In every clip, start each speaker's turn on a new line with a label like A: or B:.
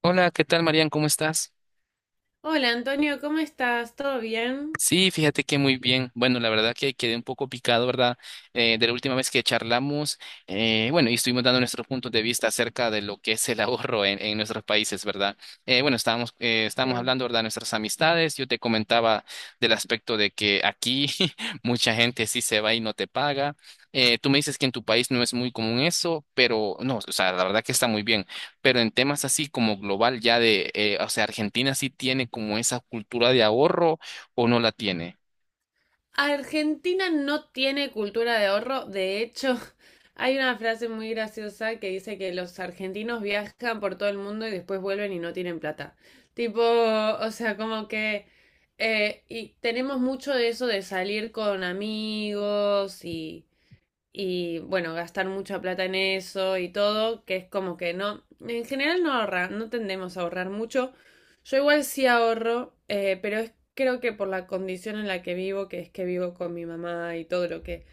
A: Hola, ¿qué tal, Marian? ¿Cómo estás?
B: Hola Antonio, ¿cómo estás? ¿Todo bien?
A: Sí, fíjate que muy bien. Bueno, la verdad que quedé un poco picado, ¿verdad? De la última vez que charlamos, bueno, y estuvimos dando nuestros puntos de vista acerca de lo que es el ahorro en nuestros países, ¿verdad? Bueno, estábamos
B: Sí.
A: hablando, ¿verdad? De nuestras amistades. Yo te comentaba del aspecto de que aquí mucha gente sí se va y no te paga. Tú me dices que en tu país no es muy común eso, pero no, o sea, la verdad que está muy bien. Pero en temas así como global, ya o sea, Argentina sí tiene como esa cultura de ahorro o no la tiene.
B: Argentina no tiene cultura de ahorro. De hecho, hay una frase muy graciosa que dice que los argentinos viajan por todo el mundo y después vuelven y no tienen plata. Tipo, o sea, como que. Y tenemos mucho de eso de salir con amigos y bueno, gastar mucha plata en eso y todo, que es como que no, en general no ahorra, no tendemos a ahorrar mucho. Yo igual sí ahorro, pero es creo que por la condición en la que vivo, que es que vivo con mi mamá y todo lo que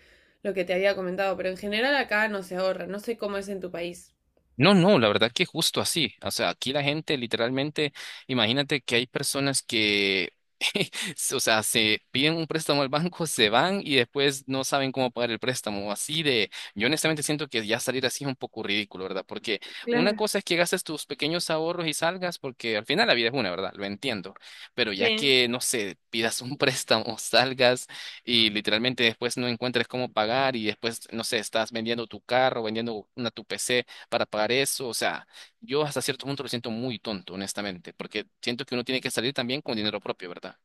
B: lo que te había comentado, pero en general acá no se ahorra, no sé cómo es en tu país.
A: No, no, la verdad que justo así. O sea, aquí la gente literalmente, imagínate que hay personas que, o sea, se piden un préstamo al banco, se van y después no saben cómo pagar el préstamo. Así de, yo honestamente siento que ya salir así es un poco ridículo, ¿verdad? Porque una
B: Claro.
A: cosa es que gastes tus pequeños ahorros y salgas, porque al final la vida es una, ¿verdad? Lo entiendo. Pero ya
B: Sí.
A: que, no sé, pidas un préstamo, salgas y literalmente después no encuentres cómo pagar y después, no sé, estás vendiendo tu carro, vendiendo una tu PC para pagar eso. O sea, yo hasta cierto punto lo siento muy tonto, honestamente, porque siento que uno tiene que salir también con dinero propio, ¿verdad?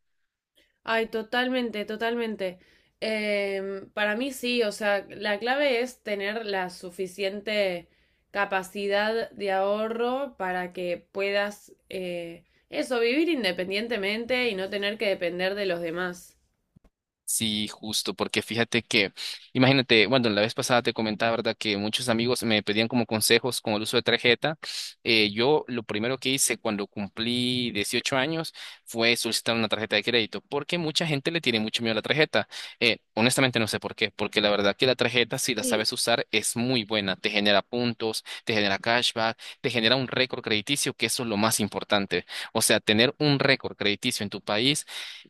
B: Ay, totalmente, totalmente. Para mí sí, o sea, la clave es tener la suficiente capacidad de ahorro para que puedas, eso, vivir independientemente y no tener que depender de los demás.
A: Sí, justo, porque fíjate que, imagínate, bueno, la vez pasada te comentaba, ¿verdad? Que muchos amigos me pedían como consejos con el uso de tarjeta. Yo lo primero que hice cuando cumplí 18 años fue solicitar una tarjeta de crédito, porque mucha gente le tiene mucho miedo a la tarjeta. Honestamente no sé por qué, porque la verdad que la tarjeta, si la
B: Sí.
A: sabes usar, es muy buena. Te genera puntos, te genera cashback, te genera un récord crediticio, que eso es lo más importante. O sea, tener un récord crediticio en tu país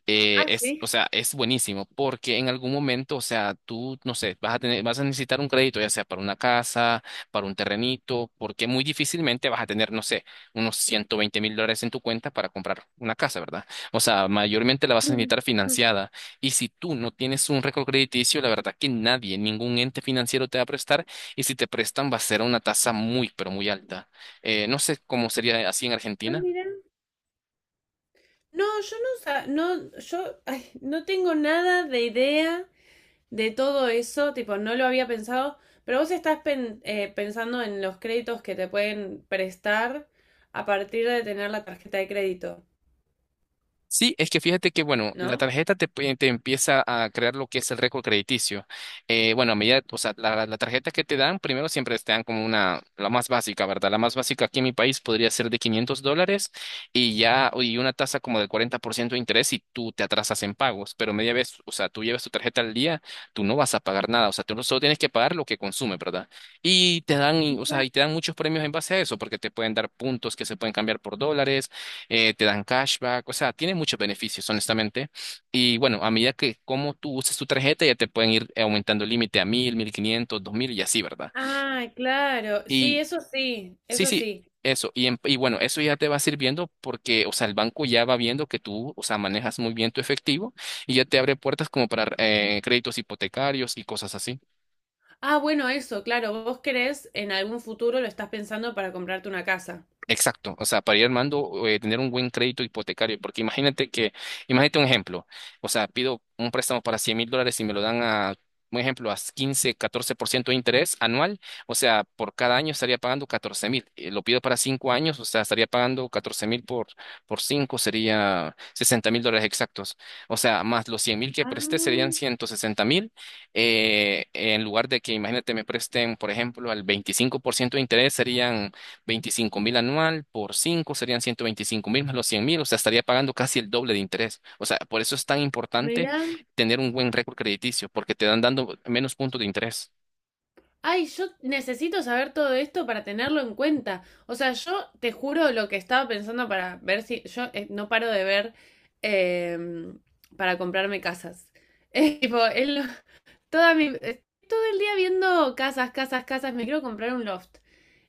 B: Ah,
A: o
B: sí.
A: sea, es buenísimo porque en algún momento, o sea, tú, no sé, vas a tener, vas a necesitar un crédito, ya sea para una casa, para un terrenito, porque muy difícilmente vas a tener, no sé, unos $120,000 en tu cuenta para comprar una casa, ¿verdad? O sea, mayormente la vas a necesitar financiada. Y si tú no tienes un récord crediticio, la verdad que nadie, ningún ente financiero te va a prestar. Y si te prestan, va a ser a una tasa muy, pero muy alta. No sé cómo sería así en
B: Ah,
A: Argentina.
B: mira. No, yo no, no, yo, ay, no tengo nada de idea de todo eso, tipo, no lo había pensado, pero vos estás pensando en los créditos que te pueden prestar a partir de tener la tarjeta de crédito,
A: Sí, es que fíjate que, bueno, la
B: ¿no?
A: tarjeta te empieza a crear lo que es el récord crediticio. Bueno, a medida, o sea, la tarjeta que te dan, primero siempre te dan como una, la más básica, ¿verdad? La más básica aquí en mi país podría ser de $500 y ya, y una tasa como del 40% de interés y tú te atrasas en pagos. Pero media vez, o sea, tú llevas tu tarjeta al día, tú no vas a pagar nada, o sea, tú solo tienes que pagar lo que consume, ¿verdad? Y te dan, o sea, y te dan muchos premios en base a eso, porque te pueden dar puntos que se pueden cambiar por dólares te dan cashback, o sea, tiene muchos beneficios, honestamente. Y bueno, a medida que como tú uses tu tarjeta, ya te pueden ir aumentando el límite a 1,000, 1,500, 2,000 y así, ¿verdad?
B: Ah, claro, sí,
A: Y
B: eso sí,
A: sí,
B: eso
A: sí,
B: sí.
A: eso. Y bueno, eso ya te va sirviendo porque, o sea, el banco ya va viendo que tú, o sea, manejas muy bien tu efectivo y ya te abre puertas como para créditos hipotecarios y cosas así.
B: Ah, bueno, eso, claro, vos querés en algún futuro lo estás pensando para comprarte una casa.
A: Exacto, o sea, para ir armando, tener un buen crédito hipotecario, porque imagínate que, imagínate un ejemplo, o sea, pido un préstamo para $100,000 y me lo dan a, un ejemplo, a 15, 14% de interés anual, o sea, por cada año estaría pagando 14,000, lo pido para 5 años, o sea, estaría pagando 14 mil por 5 sería $60,000 exactos, o sea, más los 100,000 que presté serían
B: Ah,
A: 160,000, en lugar de que, imagínate, me presten, por ejemplo, al 25% de interés serían 25,000 anual por 5 serían 125,000 más los 100 mil, o sea, estaría pagando casi el doble de interés. O sea, por eso es tan importante
B: mira.
A: tener un buen récord crediticio, porque te dan dando menos puntos de interés.
B: Ay, yo necesito saber todo esto para tenerlo en cuenta. O sea, yo te juro lo que estaba pensando para ver si yo no paro de ver eh, para comprarme casas. Tipo, es toda mi, todo el día viendo casas, casas, casas, me quiero comprar un loft.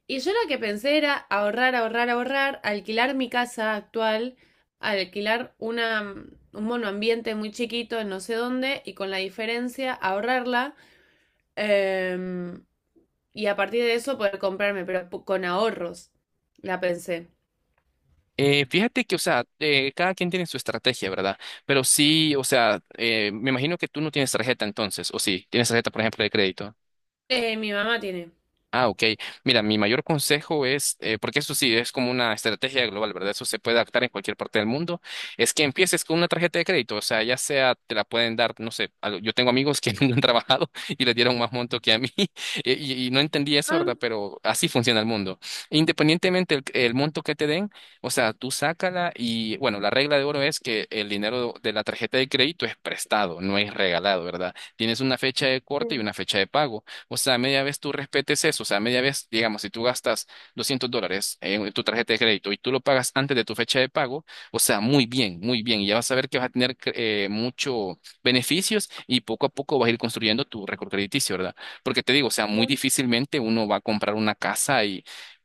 B: Y yo lo que pensé era ahorrar, ahorrar, ahorrar, alquilar mi casa actual, alquilar un monoambiente muy chiquito en no sé dónde y con la diferencia ahorrarla. Em, y a partir de eso poder comprarme, pero con ahorros, la pensé.
A: Fíjate que, o sea, cada quien tiene su estrategia, ¿verdad? Pero sí, o sea, me imagino que tú no tienes tarjeta entonces, o sí, tienes tarjeta, por ejemplo, de crédito.
B: Mi mamá tiene.
A: Ah, ok. Mira, mi mayor consejo es, porque eso sí es como una estrategia global, ¿verdad? Eso se puede adaptar en cualquier parte del mundo, es que empieces con una tarjeta de crédito, o sea, ya sea te la pueden dar, no sé, yo tengo amigos que nunca han trabajado y les dieron más monto que a mí y no entendí eso,
B: Ah,
A: ¿verdad? Pero así funciona el mundo. Independientemente el monto que te den, o sea, tú sácala y, bueno, la regla de oro es que el dinero de la tarjeta de crédito es prestado, no es regalado, ¿verdad? Tienes una fecha de
B: sí.
A: corte y una fecha de pago. O sea, media vez tú respetes eso. O sea, media vez, digamos, si tú gastas $200 en tu tarjeta de crédito y tú lo pagas antes de tu fecha de pago, o sea, muy bien, muy bien. Y ya vas a ver que vas a tener muchos beneficios y poco a poco vas a ir construyendo tu récord crediticio, ¿verdad? Porque te digo, o sea, muy difícilmente uno va a comprar una casa y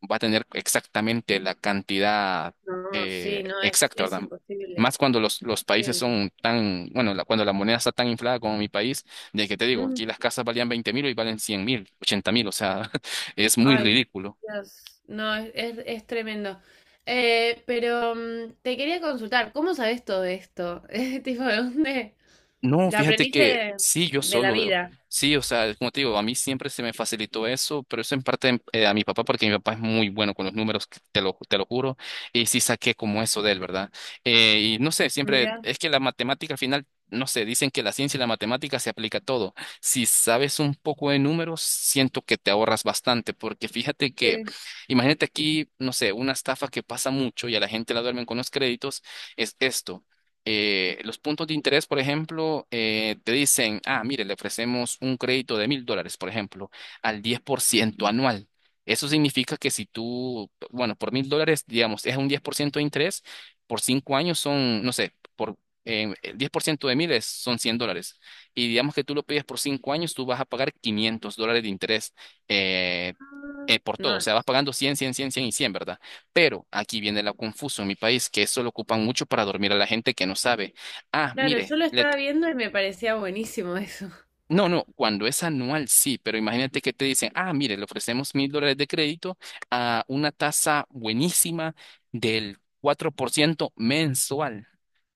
A: va a tener exactamente la cantidad
B: No, sí, no, es,
A: exacta,
B: es
A: ¿verdad?
B: imposible.
A: Más cuando los países
B: Imposible.
A: son tan, bueno, cuando la moneda está tan inflada como mi país, de que te digo, aquí
B: Mm,
A: las casas valían 20,000 y valen 100,000, 80,000, o sea, es muy
B: ay,
A: ridículo.
B: Dios. No, es tremendo. Pero te quería consultar, ¿cómo sabes todo esto? Tipo, ¿de dónde?
A: No,
B: ¿La
A: fíjate
B: aprendiste
A: que
B: de,
A: sí, yo
B: de la
A: solo,
B: vida?
A: sí, o sea, como te digo, a mí siempre se me facilitó eso, pero eso en parte a mi papá, porque mi papá es muy bueno con los números, te lo juro, y sí saqué como eso de él, ¿verdad? Y no sé, siempre,
B: Mira,
A: es que la matemática al final, no sé, dicen que la ciencia y la matemática se aplica a todo. Si sabes un poco de números, siento que te ahorras bastante, porque fíjate que,
B: sí.
A: imagínate aquí, no sé, una estafa que pasa mucho y a la gente la duermen con los créditos, es esto. Los puntos de interés, por ejemplo, te dicen, ah, mire, le ofrecemos un crédito de $1,000, por ejemplo, al 10% anual. Eso significa que si tú, bueno, por $1,000, digamos, es un 10% de interés, por 5 años son, no sé, por el 10% de mil son $100. Y digamos que tú lo pides por 5 años, tú vas a pagar $500 de interés eh,
B: Ah,
A: por todo. O
B: no,
A: sea, vas pagando 100, 100, 100, 100 y 100, ¿verdad? Pero aquí viene lo confuso en mi país, que eso lo ocupan mucho para dormir a la gente que no sabe. Ah,
B: claro, yo
A: mire,
B: lo estaba viendo y me parecía buenísimo eso.
A: no, no, cuando es anual sí, pero imagínate que te dicen, ah, mire, le ofrecemos $1,000 de crédito a una tasa buenísima del 4% mensual.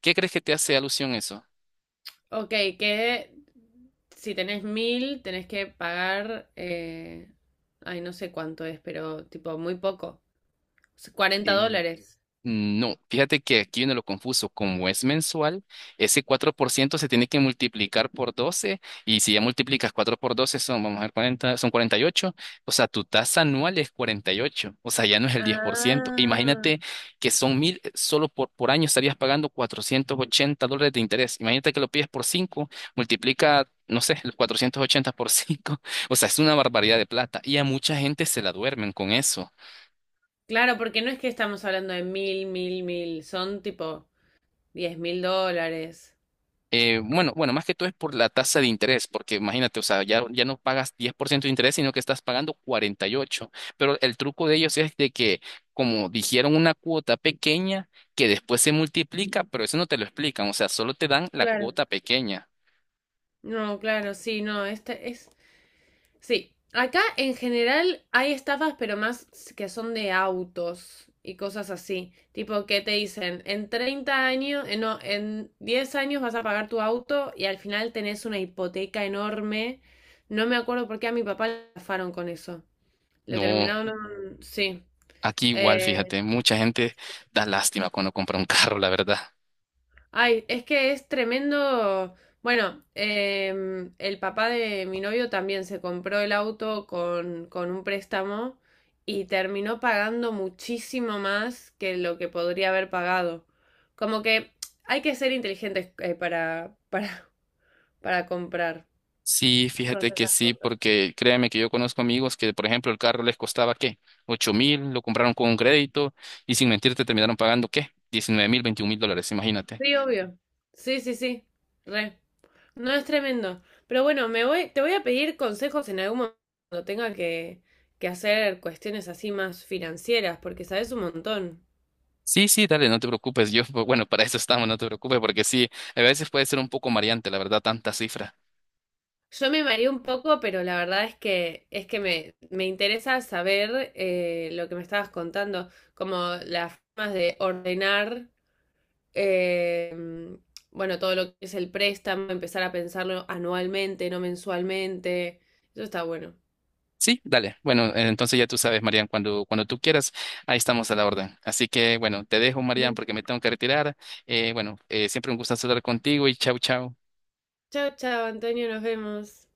A: ¿Qué crees que te hace alusión eso?
B: Ok, que si tenés mil, tenés que pagar, ay, no sé cuánto es, pero tipo muy poco, $40.
A: Mm, no, fíjate que aquí viene lo confuso. Como es mensual, ese 4% se tiene que multiplicar por 12 y si ya multiplicas 4 por 12, son, vamos a ver, 40, son 48. O sea, tu tasa anual es 48. O sea, ya no es el 10%.
B: Ah.
A: Imagínate que son 1,000, solo por año estarías pagando $480 de interés. Imagínate que lo pides por 5, multiplica, no sé, los 480 por 5. O sea, es una barbaridad de plata y a mucha gente se la duermen con eso.
B: Claro, porque no es que estamos hablando de mil, mil, mil, son tipo $10.000.
A: Bueno, más que todo es por la tasa de interés, porque imagínate, o sea, ya no pagas 10% de interés, sino que estás pagando 48%. Pero el truco de ellos es de que, como dijeron, una cuota pequeña que después se multiplica, pero eso no te lo explican, o sea, solo te dan la
B: Claro.
A: cuota pequeña.
B: No, claro, sí, no, este es. Sí, acá en general hay estafas, pero más que son de autos y cosas así. Tipo que te dicen, en 30 años, no, en 10 años vas a pagar tu auto y al final tenés una hipoteca enorme. No me acuerdo por qué a mi papá le estafaron con eso. Lo
A: No,
B: terminaron, sí.
A: aquí igual,
B: eh,
A: fíjate, mucha gente da lástima cuando compra un carro, la verdad.
B: Ay, es que es tremendo. Bueno, el papá de mi novio también se compró el auto con un préstamo y terminó pagando muchísimo más que lo que podría haber pagado. Como que hay que ser inteligentes para, para comprar
A: Sí,
B: todas
A: fíjate que
B: esas
A: sí,
B: cosas.
A: porque créeme que yo conozco amigos que, por ejemplo, el carro les costaba, ¿qué? 8,000, lo compraron con un crédito y sin mentirte terminaron pagando, ¿qué? 19,000, $21,000, imagínate.
B: Sí, obvio. Sí, sí, sí. Re. No, es tremendo. Pero bueno, me voy, te voy a pedir consejos en algún momento cuando tenga que hacer cuestiones así más financieras, porque sabes un montón.
A: Sí, sí, dale, no te preocupes. Yo, pues, bueno, para eso estamos, no te preocupes, porque sí, a veces puede ser un poco mareante, la verdad, tanta cifra.
B: Yo me mareé un poco, pero la verdad es que me interesa saber lo que me estabas contando, como las formas de ordenar, eh, bueno, todo lo que es el préstamo, empezar a pensarlo anualmente, no mensualmente. Eso está bueno.
A: Sí, dale. Bueno, entonces ya tú sabes, Marian, cuando tú quieras, ahí estamos a la orden. Así que, bueno, te dejo, Marian, porque me tengo que retirar. Bueno, siempre un gusto hablar contigo y chau, chau.
B: Chao, chao, Antonio, nos vemos.